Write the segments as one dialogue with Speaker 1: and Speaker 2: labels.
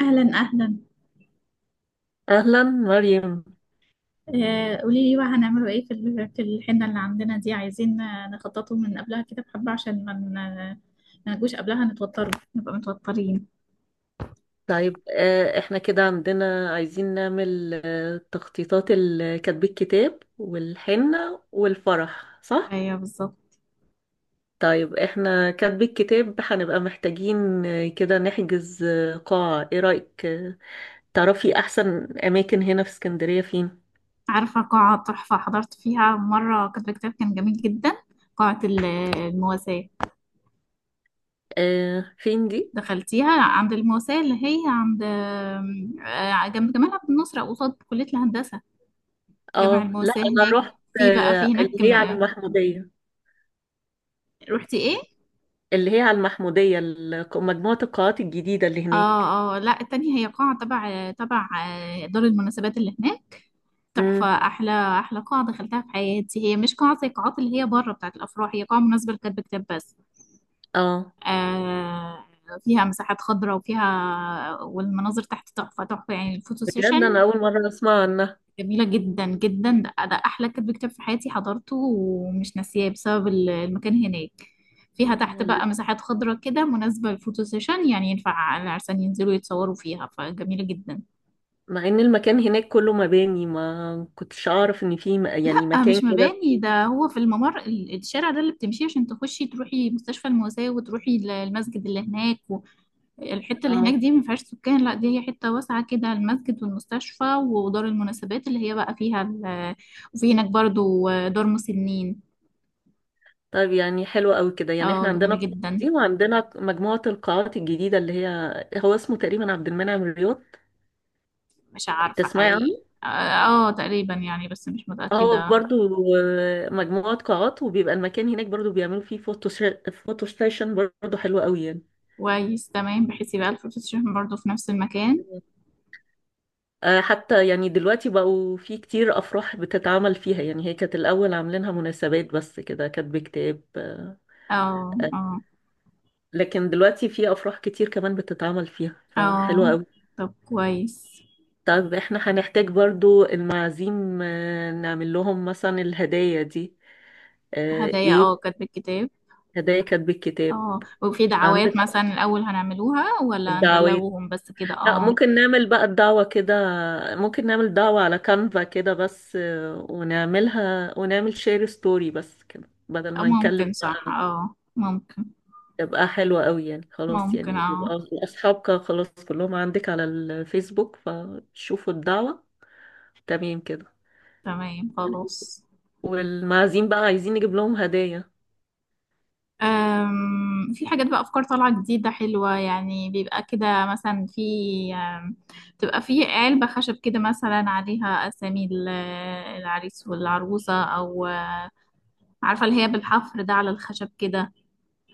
Speaker 1: اهلا اهلا.
Speaker 2: أهلا مريم.
Speaker 1: قولي لي بقى هنعمله ايه في في الحنه اللي عندنا دي، عايزين نخططه من قبلها كده بحبه، عشان ما نجوش قبلها نتوتر، نبقى متوترين.
Speaker 2: طيب، احنا كده عندنا عايزين نعمل تخطيطات كتب الكتاب والحنة والفرح، صح؟
Speaker 1: ايوه بالظبط.
Speaker 2: طيب، احنا كتب الكتاب هنبقى محتاجين كده نحجز قاعة. ايه رأيك؟ تعرفي أحسن أماكن هنا في اسكندرية فين؟
Speaker 1: عارفه قاعه تحفه حضرت فيها مره كاتبه كتاب، كان جميل جدا. قاعه المواساه.
Speaker 2: آه، فين دي؟
Speaker 1: دخلتيها؟ عند المواساه اللي هي عند جنب جمال عبد الناصر أو قصاد كليه الهندسه. جامع
Speaker 2: اه، لا،
Speaker 1: المواساه هناك.
Speaker 2: أنا رحت
Speaker 1: في بقى في هناك،
Speaker 2: اللي هي على المحمودية.
Speaker 1: رحتي ايه؟
Speaker 2: اللي هي على المحمودية، مجموعة القاعات الجديدة اللي هناك.
Speaker 1: اه، اه، لا التانية هي قاعة تبع دار المناسبات اللي هناك. تحفة.
Speaker 2: امم.
Speaker 1: أحلى أحلى قاعة دخلتها في حياتي، هي مش قاعة زي القاعات اللي هي بره بتاعة الأفراح، هي قاعة مناسبة لكاتب كتاب بس.
Speaker 2: اه.
Speaker 1: آه فيها مساحات خضراء، والمناظر تحت تحفة تحفة، يعني الفوتو
Speaker 2: بجد،
Speaker 1: سيشن
Speaker 2: انا اول مره اسمع عنها.
Speaker 1: جميلة جدا جدا. ده، أحلى كاتب كتاب في حياتي حضرته، ومش ناسياه بسبب المكان هناك. فيها تحت بقى مساحات خضراء كده، مناسبة للفوتو سيشن، يعني ينفع العرسان ينزلوا يتصوروا فيها، فجميلة جدا.
Speaker 2: مع ان المكان هناك كله مباني، ما كنتش اعرف ان في يعني مكان
Speaker 1: مش
Speaker 2: كده.
Speaker 1: مباني ده، هو في الممر الشارع ده اللي بتمشيه عشان تخشي تروحي مستشفى المواساة، وتروحي المسجد اللي هناك. والحتة اللي هناك
Speaker 2: اه.
Speaker 1: دي ما فيهاش سكان، لا دي هي حتة واسعة كده، المسجد والمستشفى ودار المناسبات اللي هي بقى فيها وفي هناك برضو دار مسنين.
Speaker 2: طيب، يعني حلو قوي كده. يعني احنا
Speaker 1: اه
Speaker 2: عندنا
Speaker 1: جميلة
Speaker 2: القاعه
Speaker 1: جدا.
Speaker 2: دي وعندنا مجموعه القاعات الجديده اللي هي. هو اسمه تقريبا عبد المنعم الرياض.
Speaker 1: مش عارفة
Speaker 2: تسمعي
Speaker 1: حقيقي.
Speaker 2: عنه؟
Speaker 1: اه. تقريبا يعني، بس مش
Speaker 2: هو
Speaker 1: متأكدة.
Speaker 2: برضو مجموعه قاعات، وبيبقى المكان هناك برضو بيعملوا فيه فوتو ستيشن. برضو حلو قوي يعني.
Speaker 1: كويس تمام، بحيث يبقى الفلوس برضو في نفس المكان.
Speaker 2: حتى يعني دلوقتي بقوا في كتير أفراح بتتعمل فيها. يعني هي كانت الأول عاملينها مناسبات بس كده، كاتب كتاب.
Speaker 1: اه،
Speaker 2: آه،
Speaker 1: اه،
Speaker 2: لكن دلوقتي في أفراح كتير كمان بتتعمل فيها، فحلوة
Speaker 1: اه.
Speaker 2: أوي.
Speaker 1: طب كويس.
Speaker 2: طب احنا هنحتاج برضو المعازيم، نعمل لهم مثلا الهدايا دي.
Speaker 1: هدايا، اه،
Speaker 2: ايه.
Speaker 1: كاتب الكتاب.
Speaker 2: هدايا كاتب الكتاب.
Speaker 1: اه، وفي
Speaker 2: عندك
Speaker 1: دعوات مثلا الأول هنعملوها ولا
Speaker 2: الدعوات.
Speaker 1: نبلغهم بس كده؟
Speaker 2: لا،
Speaker 1: اه.
Speaker 2: ممكن نعمل بقى الدعوة كده. ممكن نعمل دعوة على كانفا كده بس، ونعملها ونعمل شير ستوري بس كده، بدل ما نكلم
Speaker 1: ممكن، صح،
Speaker 2: بقى.
Speaker 1: اه ممكن.
Speaker 2: تبقى حلوة قوي يعني. خلاص،
Speaker 1: ممكن،
Speaker 2: يعني
Speaker 1: اه.
Speaker 2: بيبقى أصحابك خلاص كلهم عندك على الفيسبوك، فشوفوا الدعوة. تمام كده.
Speaker 1: تمام خلاص.
Speaker 2: والمعازيم بقى عايزين نجيب لهم هدايا.
Speaker 1: في حاجات بقى، أفكار طالعة جديدة حلوة، يعني بيبقى كده مثلا في، أم، بتبقى في علبة خشب كده مثلا عليها أسامي العريس والعروسة، أو عارفة اللي هي بالحفر ده على الخشب كده.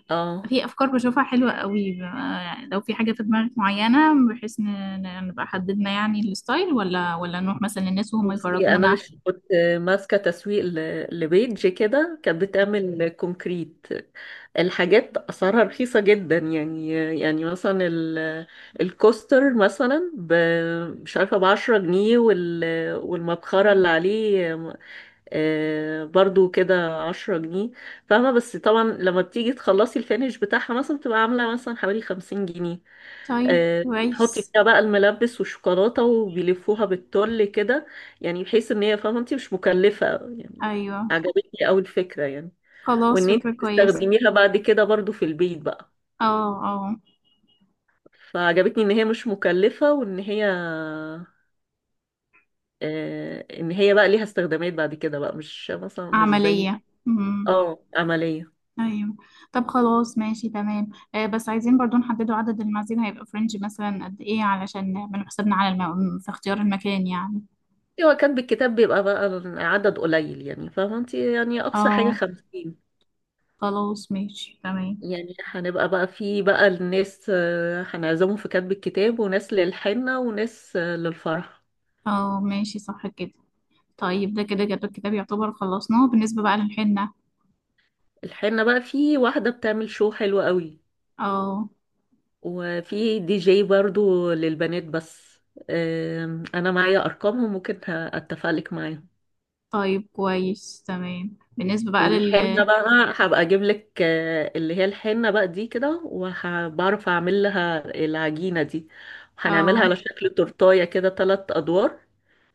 Speaker 2: اه،
Speaker 1: في افكار بشوفها حلوه قوي، يعني لو في حاجه في دماغك معينه بحيث نبقى حددنا يعني الستايل، ولا نروح مثلا للناس وهم
Speaker 2: بصي. انا
Speaker 1: يفرجونا.
Speaker 2: كنت ماسكه تسويق لبيج كده كانت بتعمل كونكريت. الحاجات اسعارها رخيصه جدا يعني. يعني مثلا الكوستر مثلا مش عارفه ب 10 جنيه. والمبخره اللي عليه برضو كده 10 جنيه. فاهمه؟ بس طبعا لما بتيجي تخلصي الفينش بتاعها مثلا بتبقى عامله مثلا حوالي 50 جنيه.
Speaker 1: طيب
Speaker 2: بتحطي
Speaker 1: كويس.
Speaker 2: فيها بقى الملبس والشوكولاتة وبيلفوها بالتل كده. يعني بحيث ان هي فاهمة انت مش مكلفة يعني.
Speaker 1: ايوه
Speaker 2: عجبتني قوي الفكرة يعني.
Speaker 1: خلاص،
Speaker 2: وان انت
Speaker 1: فكره كويسه.
Speaker 2: تستخدميها بعد كده برضو في البيت بقى.
Speaker 1: اه، اه
Speaker 2: فعجبتني ان هي مش مكلفة وان هي ان هي بقى ليها استخدامات بعد كده بقى، مش مثلا مش زي.
Speaker 1: عمليه. امم.
Speaker 2: اه، عملية.
Speaker 1: ايوه. طب خلاص ماشي تمام. بس عايزين برضو نحددوا عدد المعازيم، هيبقى فرنج مثلا قد ايه، علشان نعمل حسابنا على في اختيار المكان يعني.
Speaker 2: هو كان بالكتاب بيبقى بقى عدد قليل يعني، فاهمة انت؟ يعني اقصى حاجة
Speaker 1: اه
Speaker 2: 50.
Speaker 1: خلاص ماشي تمام.
Speaker 2: يعني هنبقى بقى في بقى الناس، هنعزمهم في كتب الكتاب وناس للحنة وناس للفرح.
Speaker 1: اه ماشي صح كده. طيب ده كده جدول الكتاب يعتبر خلصناه، بالنسبة بقى للحنة.
Speaker 2: الحنة بقى في واحدة بتعمل شو حلو قوي.
Speaker 1: اه.
Speaker 2: وفي دي جي برضو للبنات بس. انا معايا ارقامهم ممكن اتفق لك معاهم.
Speaker 1: طيب كويس تمام، بالنسبة بقى
Speaker 2: والحنة بقى، هبقى اجيب لك اللي هي الحنة بقى دي كده، وبعرف اعمل لها العجينة دي. هنعملها
Speaker 1: اه
Speaker 2: على شكل تورتاية كده، ثلاث ادوار.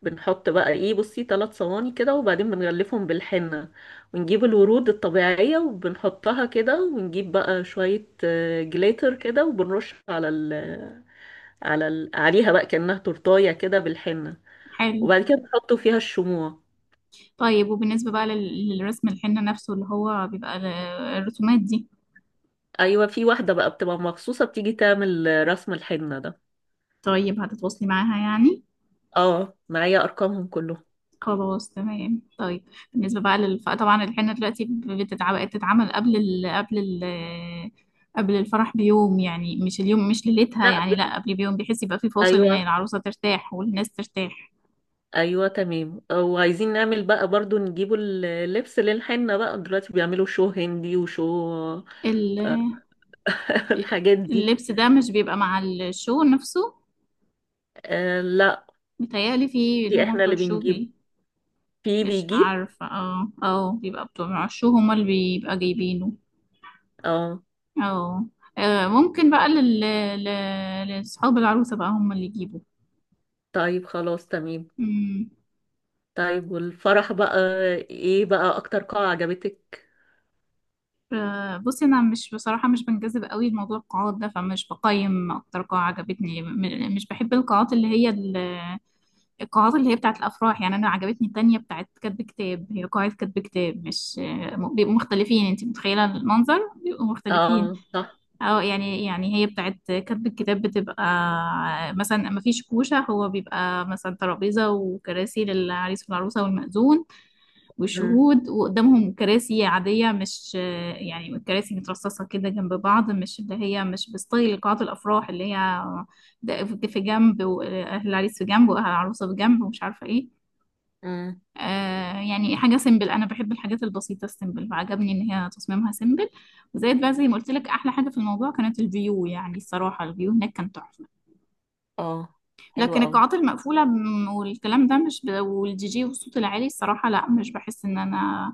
Speaker 2: بنحط بقى ايه؟ بصي، ثلاث صواني كده، وبعدين بنغلفهم بالحنة. ونجيب الورود الطبيعية وبنحطها كده، ونجيب بقى شوية جليتر كده، وبنرش على ال على ال عليها بقى كأنها تورتاية كده بالحنة.
Speaker 1: حلو.
Speaker 2: وبعد كده بنحطوا فيها الشموع.
Speaker 1: طيب وبالنسبة بقى للرسم الحنة نفسه اللي هو بيبقى الرسومات دي.
Speaker 2: ايوه، في واحدة بقى بتبقى مخصوصة بتيجي تعمل رسم الحنة ده.
Speaker 1: طيب هتتواصلي معاها يعني.
Speaker 2: اه، معايا ارقامهم كلهم.
Speaker 1: خلاص تمام. طيب بالنسبة بقى طبعا الحنة دلوقتي بتتعمل قبل قبل الفرح بيوم، يعني مش اليوم، مش ليلتها،
Speaker 2: لا،
Speaker 1: يعني لا، قبل بيوم، بحيث يبقى في فاصل ان
Speaker 2: ايوه.
Speaker 1: العروسة ترتاح والناس ترتاح.
Speaker 2: ايوه، تمام. وعايزين نعمل بقى برضو نجيبوا اللبس للحنة بقى، دلوقتي بيعملوا شو هندي وشو الحاجات دي.
Speaker 1: اللبس ده مش بيبقى مع الشو نفسه؟
Speaker 2: آه، لا،
Speaker 1: متهيألي في اللي
Speaker 2: دي
Speaker 1: هما
Speaker 2: احنا
Speaker 1: بتوع
Speaker 2: اللي
Speaker 1: الشو
Speaker 2: بنجيب. في
Speaker 1: مش
Speaker 2: بيجيب.
Speaker 1: عارفة. اه، اه، بيبقى بتوع الشو هما اللي بيبقى جايبينه.
Speaker 2: اه.
Speaker 1: اه. ممكن بقى لأصحاب العروسة بقى هما اللي يجيبوا.
Speaker 2: طيب، خلاص تمام.
Speaker 1: مم.
Speaker 2: طيب، والفرح بقى، ايه بقى اكتر قاعة عجبتك؟
Speaker 1: بصي أنا مش بصراحة مش بنجذب قوي لموضوع القاعات ده، فمش بقيم أكتر قاعة عجبتني، مش بحب القاعات اللي هي بتاعت الافراح، يعني انا عجبتني التانية بتاعت كاتب كتاب. هي قاعة كاتب كتاب، مش بيبقوا مختلفين، انت متخيلة المنظر، بيبقوا مختلفين.
Speaker 2: اه، صح.
Speaker 1: او يعني، هي بتاعت كاتب الكتاب بتبقى مثلا ما فيش كوشة، هو بيبقى مثلا ترابيزة وكراسي للعريس والعروسة والمأذون
Speaker 2: امم.
Speaker 1: وشهود، وقدامهم كراسي عادية، مش يعني كراسي مترصصة كده جنب بعض، مش اللي هي مش بستايل قاعات الأفراح اللي هي ده في جنب، وأهل العريس في جنب، وأهل العروسة في جنب، ومش عارفة إيه.
Speaker 2: امم.
Speaker 1: يعني حاجة سيمبل، أنا بحب الحاجات البسيطة السيمبل، فعجبني إن هي تصميمها سيمبل. وزائد بقى زي ما قلت لك، أحلى حاجة في الموضوع كانت الفيو، يعني الصراحة الفيو هناك كان تحفة.
Speaker 2: اه، حلو
Speaker 1: لكن
Speaker 2: قوي.
Speaker 1: القاعات المقفولة والكلام ده مش والدي جي والصوت العالي، الصراحة لا، مش بحس إن أنا،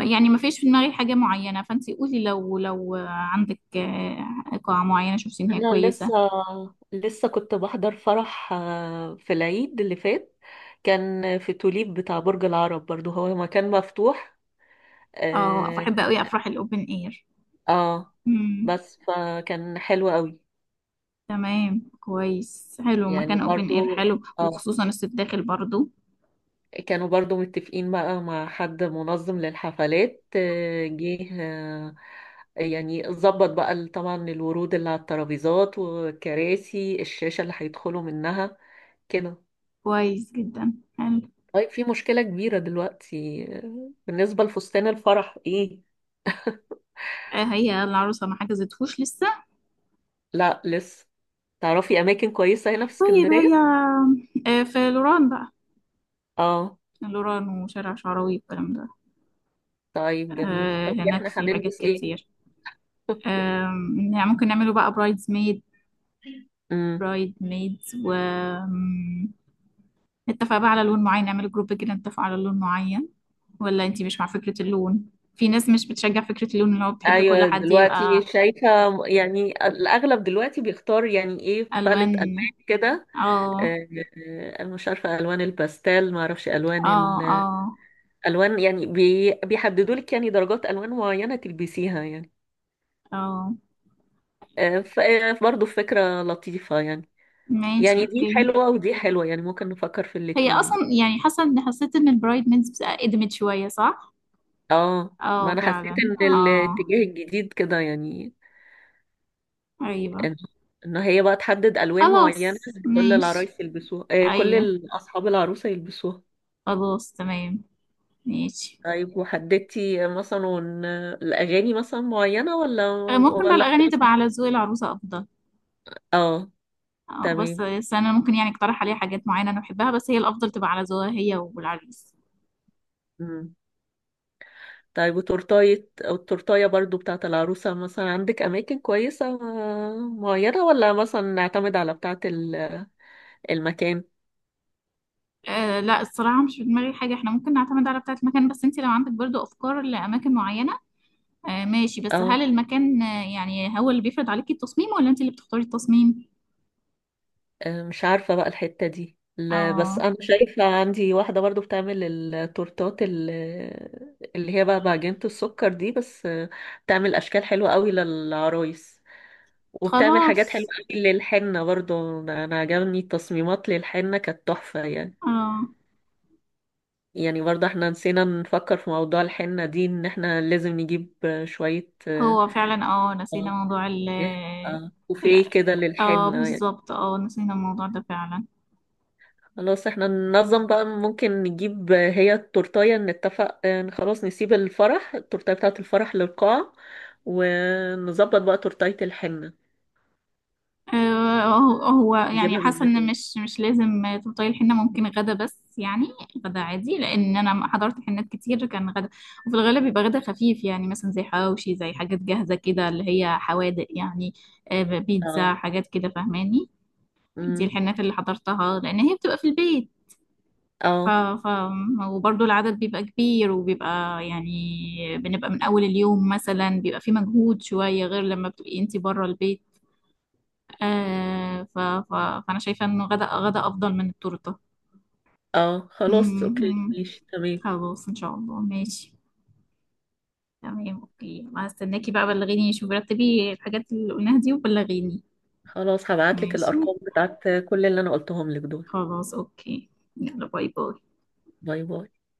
Speaker 1: يعني ما فيش في دماغي حاجة معينة. فانتي قولي، لو عندك قاعة معينة شفتي ان هي
Speaker 2: انا
Speaker 1: كويسة.
Speaker 2: لسه كنت بحضر فرح في العيد اللي فات. كان في توليب بتاع برج العرب، برضو هو مكان مفتوح.
Speaker 1: اه
Speaker 2: اه.
Speaker 1: بحب قوي افراح الاوبن اير.
Speaker 2: آه.
Speaker 1: امم
Speaker 2: بس، فكان حلو قوي.
Speaker 1: تمام كويس، حلو
Speaker 2: يعني
Speaker 1: مكان اوبن اير،
Speaker 2: برضو.
Speaker 1: حلو
Speaker 2: اه.
Speaker 1: وخصوصا الصيف داخل برضو.
Speaker 2: كانوا برضو متفقين بقى مع حد منظم للحفلات، جه. يعني ظبط بقى طبعا الورود اللي على الترابيزات والكراسي، الشاشة اللي هيدخلوا منها كده.
Speaker 1: كويس جدا حلو.
Speaker 2: طيب، في مشكلة كبيرة دلوقتي بالنسبة لفستان الفرح ايه.
Speaker 1: هي العروسة ما حجزتهوش لسه.
Speaker 2: لا، لسه. تعرفي أماكن كويسة هنا في
Speaker 1: طيب هي
Speaker 2: اسكندرية؟
Speaker 1: في لوران بقى.
Speaker 2: اه.
Speaker 1: لوران وشارع شعراوي والكلام ده.
Speaker 2: طيب، جميل. طب
Speaker 1: هناك
Speaker 2: احنا
Speaker 1: في حاجات
Speaker 2: هنلبس ايه؟
Speaker 1: كتير. يعني ممكن نعمله بقى برايدز ميد.
Speaker 2: مم.
Speaker 1: برايد ميدز و، م، نتفق بقى على لون معين، نعمل جروب كده نتفق على لون معين، ولا انتي مش مع فكرة اللون؟ في ناس مش بتشجع فكرة اللون، اللي هو بتحب كل
Speaker 2: ايوه،
Speaker 1: حد يبقى
Speaker 2: دلوقتي شايفه. يعني الاغلب دلوقتي بيختار يعني ايه، باليت
Speaker 1: ألوان.
Speaker 2: الوان كده.
Speaker 1: اه،
Speaker 2: آه، انا مش عارفه الوان الباستيل، ما اعرفش الوان.
Speaker 1: اه، اه.
Speaker 2: الالوان يعني بيحددوا لك يعني درجات الوان معينه تلبسيها يعني.
Speaker 1: اه
Speaker 2: فبرضه فكره لطيفه يعني.
Speaker 1: ماشي
Speaker 2: يعني دي
Speaker 1: اوكي.
Speaker 2: حلوه ودي حلوه، يعني ممكن نفكر في
Speaker 1: هي
Speaker 2: الاتنين
Speaker 1: اصلا
Speaker 2: يعني.
Speaker 1: يعني، حاسه ان حسيت ان البرايد ميدز قدمت شويه، صح.
Speaker 2: اه، ما
Speaker 1: اه
Speaker 2: انا حسيت
Speaker 1: فعلا،
Speaker 2: ان
Speaker 1: اه.
Speaker 2: الاتجاه الجديد كده يعني.
Speaker 1: ايوه
Speaker 2: ان إن هي بقى تحدد الوان
Speaker 1: خلاص
Speaker 2: معينه. كل
Speaker 1: ماشي.
Speaker 2: العرايس يلبسوها، كل
Speaker 1: ايوه
Speaker 2: اصحاب العروسه يلبسوها.
Speaker 1: خلاص تمام ماشي.
Speaker 2: طيب، وحددتي مثلا الاغاني مثلا معينه، ولا
Speaker 1: ممكن بقى
Speaker 2: ولا
Speaker 1: الاغاني تبقى
Speaker 2: خلاص؟
Speaker 1: على ذوق العروسه افضل.
Speaker 2: اه.
Speaker 1: اه، بس
Speaker 2: تمام.
Speaker 1: بس انا ممكن يعني اقترح عليها حاجات معينه انا بحبها، بس هي الافضل تبقى على ذوقها هي والعريس.
Speaker 2: مم. طيب، وتورتاية أو التورتاية برضو بتاعة العروسة، مثلا عندك أماكن كويسة معينة، ولا مثلا نعتمد على بتاعة المكان؟
Speaker 1: أه لا، الصراحه مش في دماغي حاجه، احنا ممكن نعتمد على بتاعه المكان، بس انت لو عندك برضو افكار لاماكن معينه. أه ماشي، بس
Speaker 2: اه.
Speaker 1: هل المكان يعني هو اللي بيفرض عليكي التصميم، ولا انت اللي بتختاري التصميم؟
Speaker 2: مش عارفة بقى الحتة دي، لا، بس
Speaker 1: اه
Speaker 2: أنا شايفة عندي واحدة برضو بتعمل التورتات اللي هي بقى بعجينة السكر دي، بس بتعمل أشكال حلوة قوي للعرايس. وبتعمل حاجات
Speaker 1: خلاص.
Speaker 2: حلوة قوي للحنة برضو. أنا عجبني التصميمات للحنة كانت تحفة يعني.
Speaker 1: اه
Speaker 2: يعني برضه احنا نسينا نفكر في موضوع الحنة دي، ان احنا لازم نجيب شوية
Speaker 1: هو فعلا اه، نسينا موضوع ال-
Speaker 2: كوفيه كده
Speaker 1: اه
Speaker 2: للحنة.
Speaker 1: بالظبط، اه نسينا الموضوع ده فعلا.
Speaker 2: خلاص، احنا ننظم بقى، ممكن نجيب هي التورتاية، نتفق خلاص نسيب الفرح التورتاية بتاعة الفرح للقاعة. ونظبط بقى تورتاية الحنة،
Speaker 1: هو هو يعني
Speaker 2: نجيبها من
Speaker 1: حاسه ان
Speaker 2: مكان.
Speaker 1: مش لازم تبطلي الحنه، ممكن غدا بس يعني. غدا عادي، لان انا حضرت حنات كتير كان غدا. وفي الغالب بيبقى غدا خفيف، يعني مثلا زي حواوشي، زي حاجات جاهزه كده اللي هي حوادق يعني، بيتزا
Speaker 2: اه.
Speaker 1: حاجات كده فاهماني. دي
Speaker 2: امم.
Speaker 1: الحنات اللي حضرتها لان هي بتبقى في البيت. ف...
Speaker 2: اه.
Speaker 1: ف... وبرضه العدد بيبقى كبير، وبيبقى يعني بنبقى من اول اليوم، مثلا بيبقى في مجهود شويه، غير لما بتبقي انتي بره البيت. آه ف... ف... فأنا شايفة إنه غدا غدا أفضل من التورتة.
Speaker 2: اه. خلاص، اوكي،
Speaker 1: مم.
Speaker 2: ماشي، تمام.
Speaker 1: خلاص إن شاء الله ماشي. تمام أوكي، هستناكي بقى، بلغيني، شوفي رتبي الحاجات اللي قلناها دي وبلغيني.
Speaker 2: خلاص، هبعتلك
Speaker 1: ماشي
Speaker 2: الأرقام بتاعت كل اللي أنا قلتهم لك دول.
Speaker 1: خلاص أوكي. يلا باي باي.
Speaker 2: باي باي.